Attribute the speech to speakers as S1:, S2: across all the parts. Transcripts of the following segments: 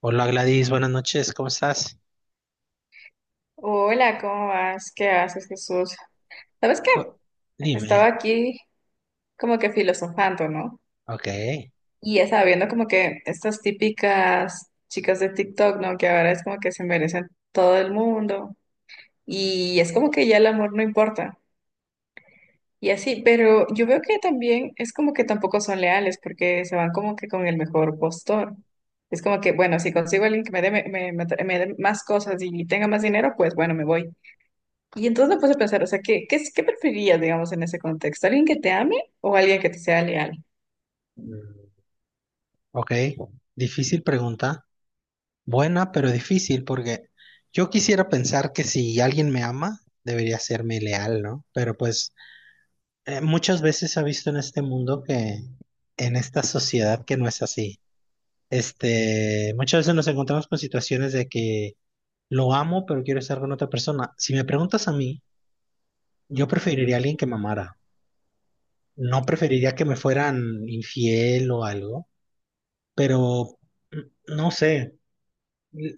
S1: Hola Gladys, buenas noches, ¿cómo estás?
S2: Hola, ¿cómo vas? ¿Qué haces, Jesús? ¿Sabes qué?
S1: Oh,
S2: Estaba
S1: dime.
S2: aquí como que filosofando, ¿no?
S1: Ok.
S2: Y ya estaba viendo como que estas típicas chicas de TikTok, ¿no? Que ahora es como que se merecen todo el mundo. Y es como que ya el amor no importa. Y así, pero yo veo que también es como que tampoco son leales porque se van como que con el mejor postor. Es como que, bueno, si consigo a alguien que me dé, me dé más cosas y tenga más dinero, pues bueno, me voy. Y entonces me puse a pensar, o sea, ¿qué preferías, digamos, en ese contexto? ¿Alguien que te ame o alguien que te sea leal?
S1: Mm, ok, difícil pregunta, buena pero difícil porque yo quisiera pensar que si alguien me ama, debería serme leal, ¿no? Pero pues muchas veces se ha visto en este mundo que, en esta sociedad que no es así. Este, muchas veces nos encontramos con situaciones de que lo amo pero quiero estar con otra persona. Si me preguntas a mí, yo preferiría a alguien que me amara. No preferiría que me fueran infiel o algo, pero no sé. L-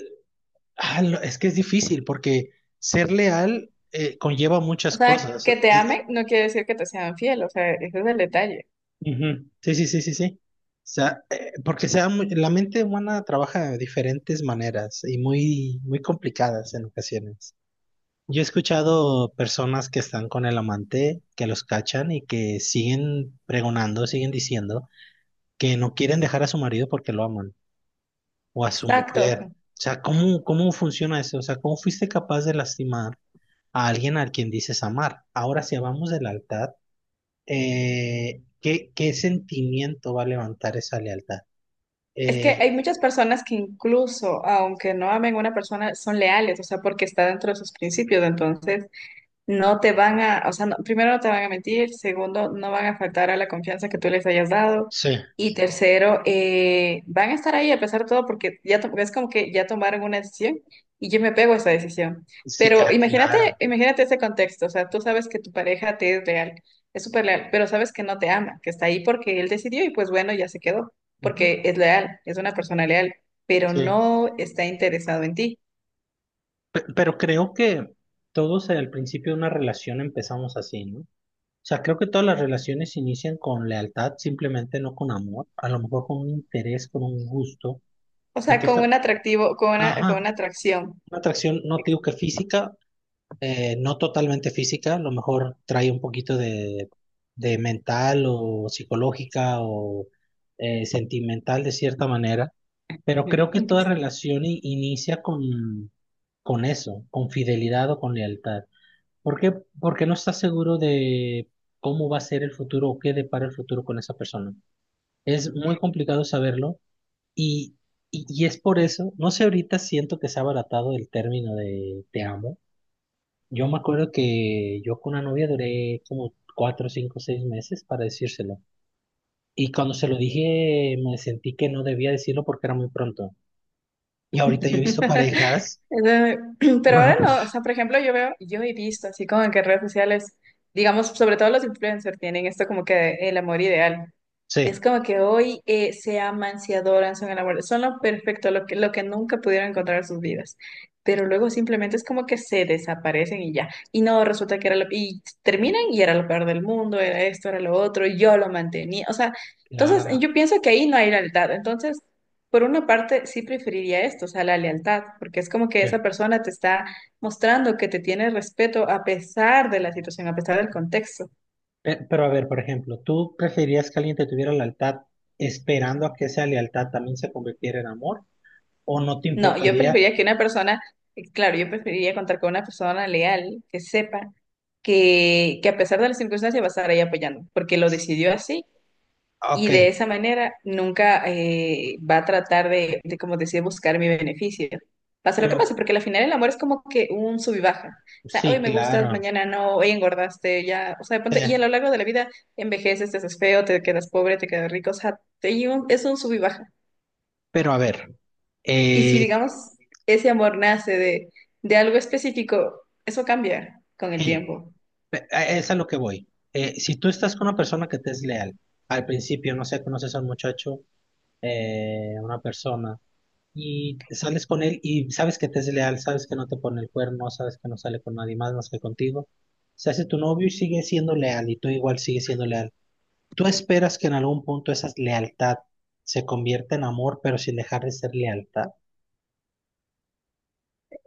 S1: es que es difícil porque ser leal conlleva
S2: O
S1: muchas
S2: sea,
S1: cosas.
S2: que te ame no quiere decir que te sean fiel, o sea, ese es el detalle.
S1: Ujú. Sí, sí, sí, sí, sí. O sea, porque la mente humana trabaja de diferentes maneras y muy, muy complicadas en ocasiones. Yo he escuchado personas que están con el amante, que los cachan y que siguen pregonando, siguen diciendo que no quieren dejar a su marido porque lo aman. O a su
S2: Exacto.
S1: mujer. O sea, ¿cómo funciona eso? O sea, ¿cómo fuiste capaz de lastimar a alguien al quien dices amar? Ahora, si hablamos de lealtad, ¿qué sentimiento va a levantar esa lealtad?
S2: Es que
S1: Eh,
S2: hay muchas personas que incluso, aunque no amen a una persona, son leales, o sea, porque está dentro de sus principios. Entonces, no te van a, o sea, no- primero no te van a mentir, segundo, no van a faltar a la confianza que tú les hayas dado
S1: sí,
S2: y tercero, van a estar ahí a pesar de todo porque ya to- es como que ya tomaron una decisión y yo me pego a esa decisión.
S1: sí,
S2: Pero
S1: ah,
S2: imagínate,
S1: claro.
S2: imagínate ese contexto, o sea, tú sabes que tu pareja te es real, es súper leal, pero sabes que no te ama, que está ahí porque él decidió y pues bueno, ya se quedó,
S1: Ujú,
S2: porque es leal, es una persona leal, pero
S1: sí.
S2: no está interesado en ti,
S1: Pero creo que todos al principio de una relación empezamos así, ¿no? O sea, creo que todas las relaciones inician con lealtad, simplemente no con amor, a lo mejor con un interés, con un gusto,
S2: o
S1: de
S2: sea,
S1: que
S2: con
S1: esta,
S2: un atractivo, con
S1: ajá.
S2: una atracción.
S1: Una atracción, no te digo que física, no totalmente física, a lo mejor trae un poquito de mental o psicológica o sentimental de cierta manera, pero creo que toda
S2: Incluso...
S1: relación inicia con eso, con fidelidad o con lealtad. ¿Por qué? Porque no estás seguro de cómo va a ser el futuro o qué depara el futuro con esa persona. Es muy complicado saberlo y, y es por eso, no sé, ahorita siento que se ha abaratado el término de te amo. Yo me acuerdo que yo con una novia duré como cuatro, cinco, seis meses para decírselo. Y cuando se lo dije, me sentí que no debía decirlo porque era muy pronto. Y ahorita yo he visto parejas.
S2: Eh,
S1: Que,
S2: Pero
S1: bueno,
S2: ahora no, o sea, por ejemplo, yo veo, yo he visto así como que en redes sociales, digamos, sobre todo los influencers tienen esto como que el amor ideal. Es
S1: sí,
S2: como que hoy se aman, se adoran, son enamorados, son lo perfecto, lo que nunca pudieron encontrar en sus vidas. Pero luego simplemente es como que se desaparecen y ya. Y no, resulta que era lo... Y terminan y era lo peor del mundo, era esto, era lo otro, y yo lo mantenía. O sea, entonces
S1: claro.
S2: yo pienso que ahí no hay lealtad. Entonces, por una parte, sí preferiría esto, o sea, la lealtad, porque es como que
S1: Sí.
S2: esa persona te está mostrando que te tiene respeto a pesar de la situación, a pesar del contexto.
S1: Pero a ver, por ejemplo, ¿tú preferirías que alguien te tuviera lealtad esperando a que esa lealtad también se convirtiera en amor? ¿O no te
S2: No, yo
S1: importaría?
S2: preferiría que una persona, claro, yo preferiría contar con una persona leal que sepa que a pesar de las circunstancias va a estar ahí apoyando, porque lo decidió así
S1: Ok,
S2: y de esa manera nunca va a tratar de, como decía, buscar mi beneficio. Pase lo que pase,
S1: pero
S2: porque al final el amor es como que un sub y baja. O sea, hoy
S1: sí,
S2: me gustas,
S1: claro.
S2: mañana no, hoy engordaste, ya, o sea, de
S1: Sí.
S2: pronto- y a lo largo de la vida envejeces, te haces feo, te quedas pobre, te quedas rico, o sea, te- y un- es un sub y baja.
S1: Pero a ver,
S2: Y si,
S1: eh,
S2: digamos, ese amor nace de algo específico, eso cambia con el
S1: sí.
S2: tiempo.
S1: Es a lo que voy. Si tú estás con una persona que te es leal, al principio, no sé, conoces a un muchacho, una persona, y sales con él y sabes que te es leal, sabes que no te pone el cuerno, sabes que no sale con nadie más más que contigo, se hace tu novio y sigue siendo leal, y tú igual sigues siendo leal. Tú esperas que en algún punto esa lealtad se convierta en amor, pero sin dejar de ser lealtad.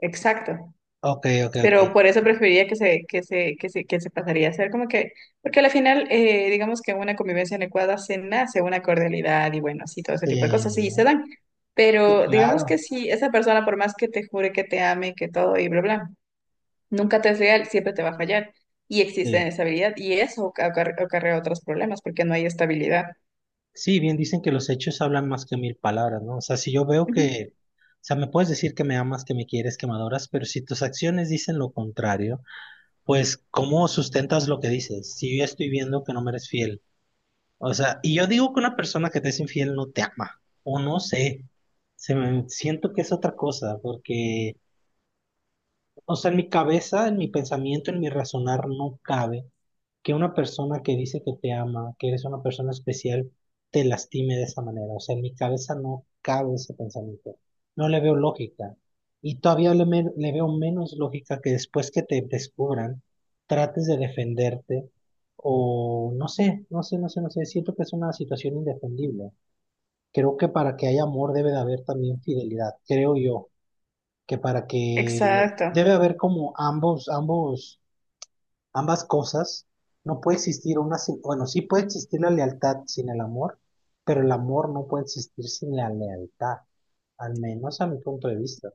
S2: Exacto.
S1: Ok, ok, ok.
S2: Pero por eso preferiría que se, que se, que se, que se pasaría a ser como que, porque al final, digamos que en una convivencia adecuada se nace una cordialidad y bueno, sí, todo ese tipo de cosas,
S1: Sí,
S2: sí, se dan.
S1: sí,
S2: Pero digamos que
S1: claro.
S2: si esa persona, por más que te jure que te ame, que todo y bla, bla, nunca te es real, siempre te va a fallar. Y existe
S1: Sí.
S2: inestabilidad y eso acarrea otros problemas porque no hay estabilidad.
S1: Sí, bien dicen que los hechos hablan más que mil palabras, ¿no? O sea, si yo veo
S2: Ujú.
S1: que, o sea, me puedes decir que me amas, que me quieres, que me adoras, pero si tus acciones dicen lo contrario, pues, ¿cómo sustentas lo que dices? Si yo ya estoy viendo que no me eres fiel. O sea, y yo digo que una persona que te es infiel no te ama, o no sé, se me, siento que es otra cosa, porque, o sea, en mi cabeza, en mi pensamiento, en mi razonar no cabe que una persona que dice que te ama, que eres una persona especial, te lastime de esa manera. O sea, en mi cabeza no cabe ese pensamiento. No le veo lógica. Y todavía le veo menos lógica que después que te descubran, trates de defenderte o no sé, no sé, no sé, no sé. Siento que es una situación indefendible. Creo que para que haya amor debe de haber también fidelidad. Creo yo que para que
S2: Exacto.
S1: debe haber como ambos ambas cosas, no puede existir una sin, bueno, sí puede existir la lealtad sin el amor, pero el amor no puede existir sin la lealtad, al menos a mi punto de vista.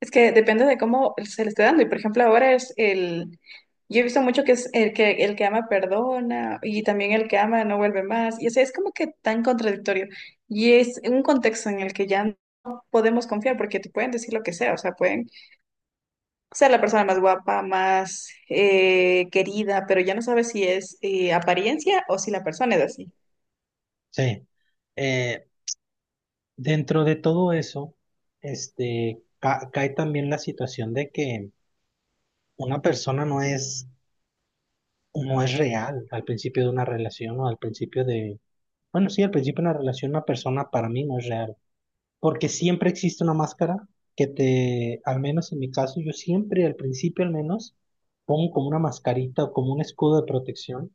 S2: Es que depende de cómo se le esté dando. Y por ejemplo, ahora es el. Yo he visto mucho que es el que ama perdona y también el que ama no vuelve más. Y o sea, es como que tan contradictorio. Y es un contexto en el que ya no podemos confiar porque te pueden decir lo que sea. O sea, pueden ser la persona más guapa, más querida, pero ya no sabes si es apariencia o si la persona es así.
S1: Sí. Eh, dentro de todo eso, este, cae también la situación de que una persona no es real al principio de una relación o al principio de, bueno, sí, al principio de una relación una persona para mí no es real. Porque siempre existe una máscara que te, al menos en mi caso, yo siempre, al principio al menos, pongo como una mascarita o como un escudo de protección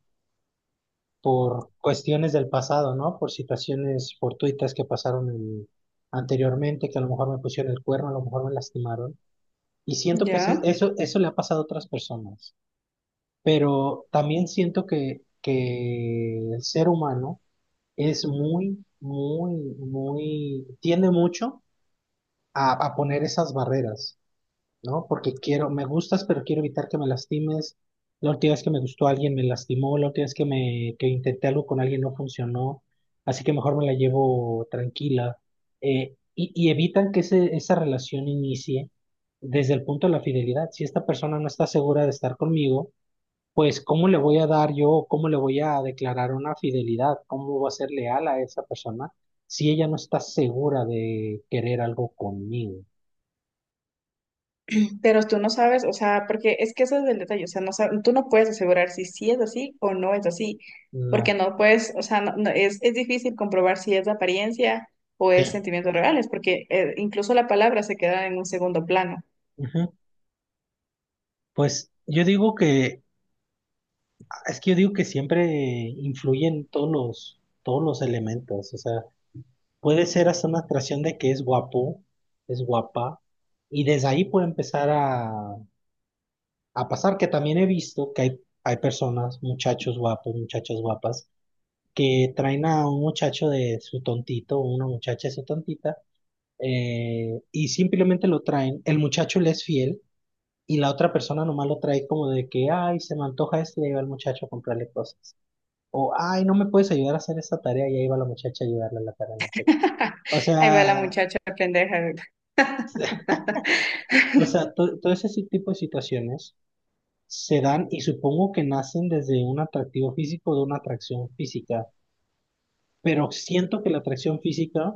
S1: por cuestiones del pasado, ¿no? Por situaciones fortuitas que pasaron anteriormente, que a lo mejor me pusieron el cuerno, a lo mejor me lastimaron. Y siento que
S2: ¿Ya?
S1: eso le ha pasado a otras personas, pero también siento que el ser humano es muy, muy, muy, tiende mucho a poner esas barreras, ¿no? Porque quiero, me gustas, pero quiero evitar que me lastimes. La última vez que me gustó alguien me lastimó, la última vez que me que intenté algo con alguien no funcionó, así que mejor me la llevo tranquila. Y evitan que ese, esa relación inicie desde el punto de la fidelidad. Si esta persona no está segura de estar conmigo, pues ¿cómo le voy a dar yo, cómo le voy a declarar una fidelidad? ¿Cómo voy a ser leal a esa persona si ella no está segura de querer algo conmigo?
S2: Pero tú no sabes, o sea, porque es que ese es el detalle, o sea, no sab- tú no puedes asegurar si sí es así o no es así, porque
S1: No,
S2: no puedes, o sea, no- no- es difícil comprobar si es de apariencia o es
S1: sí.
S2: sentimientos reales, porque incluso la palabra se queda en un segundo plano.
S1: Ujú. Pues yo digo que, es que yo digo que siempre influyen todos los elementos, o sea, puede ser hasta una atracción de que es guapo, es guapa, y desde ahí puede empezar a pasar, que también he visto que hay personas, muchachos guapos, muchachas guapas, que traen a un muchacho de su tontito, o una muchacha de su tontita, y simplemente lo traen, el muchacho le es fiel y la otra persona nomás lo trae como de que, ay, se me antoja esto y ahí va el muchacho a comprarle cosas. O, ay, no me puedes ayudar a hacer esta tarea y ahí va la muchacha a ayudarle a la tarea al muchacho. O
S2: Ahí va la
S1: sea,
S2: muchacha pendeja.
S1: o sea, todo ese si, tipo de situaciones se dan y supongo que nacen desde un atractivo físico o de una atracción física, pero siento que la atracción física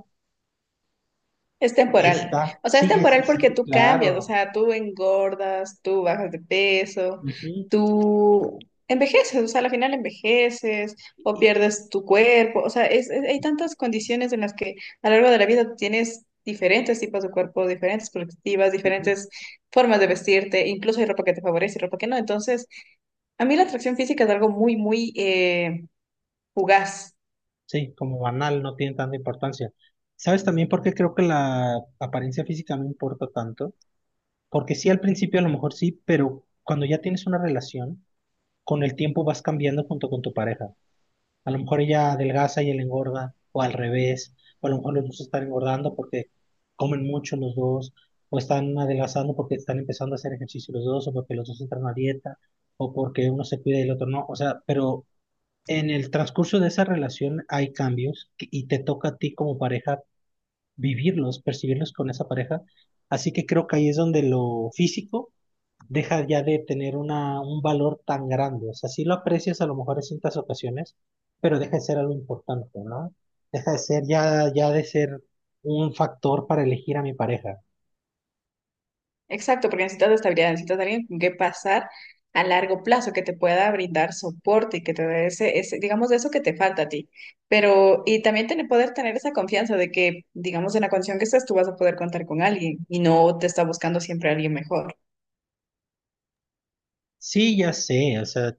S2: Es temporal.
S1: está,
S2: O sea, es
S1: sí, es,
S2: temporal porque
S1: sí,
S2: tú cambias, o
S1: claro.
S2: sea, tú engordas, tú bajas de peso,
S1: Ujú.
S2: tú envejeces, o sea, al final envejeces o pierdes tu cuerpo. O sea, es- hay tantas condiciones en las que a lo largo de la vida tienes diferentes tipos de cuerpo, diferentes perspectivas, diferentes formas de vestirte, incluso hay ropa que te favorece y ropa que no. Entonces, a mí la atracción física es algo muy, muy fugaz.
S1: Sí, como banal, no tiene tanta importancia. ¿Sabes también por qué creo que la apariencia física no importa tanto? Porque sí, al principio a lo mejor sí, pero cuando ya tienes una relación, con el tiempo vas cambiando junto con tu pareja. A lo mejor ella adelgaza y él engorda, o al revés, o a lo mejor los dos están engordando porque comen mucho los dos, o están adelgazando porque están empezando a hacer ejercicio los dos, o porque los dos entran a dieta, o porque uno se cuida y el otro no. O sea, pero en el transcurso de esa relación hay cambios y te toca a ti como pareja vivirlos, percibirlos con esa pareja. Así que creo que ahí es donde lo físico deja ya de tener un valor tan grande. O sea, sí lo aprecias a lo mejor en ciertas ocasiones, pero deja de ser algo importante, ¿no? Deja de ser ya de ser un factor para elegir a mi pareja.
S2: Exacto, porque necesitas estabilidad, necesitas alguien con que pasar a largo plazo, que te pueda brindar soporte y que te dé ese, ese, digamos, eso que te falta a ti. Pero, y también tener, poder tener esa confianza de que, digamos, en la condición que estás, tú vas a poder contar con alguien y no te está buscando siempre alguien mejor.
S1: Sí, ya sé, o sea,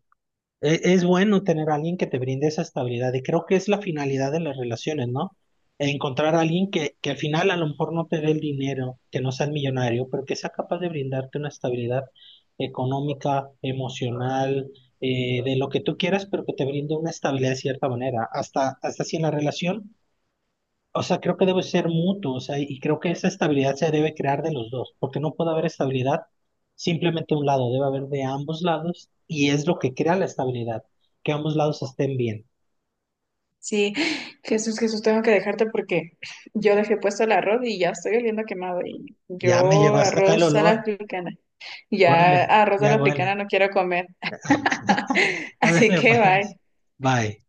S1: Es bueno tener a alguien que te brinde esa estabilidad y creo que es la finalidad de las relaciones, ¿no? Encontrar a alguien que al final a lo mejor no te dé el dinero, que no sea el millonario, pero que sea capaz de brindarte una estabilidad económica, emocional, de lo que tú quieras, pero que te brinde una estabilidad de cierta manera. Hasta, hasta si en la relación o sea, creo que debe ser mutuo, o sea, y creo que esa estabilidad se debe crear de los dos, porque no puede haber estabilidad simplemente de un lado, debe haber de ambos lados, y es lo que crea la estabilidad, que ambos lados estén bien.
S2: Sí, Jesús, Jesús, tengo que dejarte porque yo dejé puesto el arroz y ya estoy oliendo a quemado y
S1: Ya me llegó
S2: yo
S1: hasta acá el
S2: arroz a la
S1: olor,
S2: africana, ya
S1: córrele,
S2: arroz a
S1: ya
S2: la africana
S1: huele.
S2: no quiero comer, así
S1: Ándale,
S2: que
S1: pues.
S2: bye.
S1: Bye.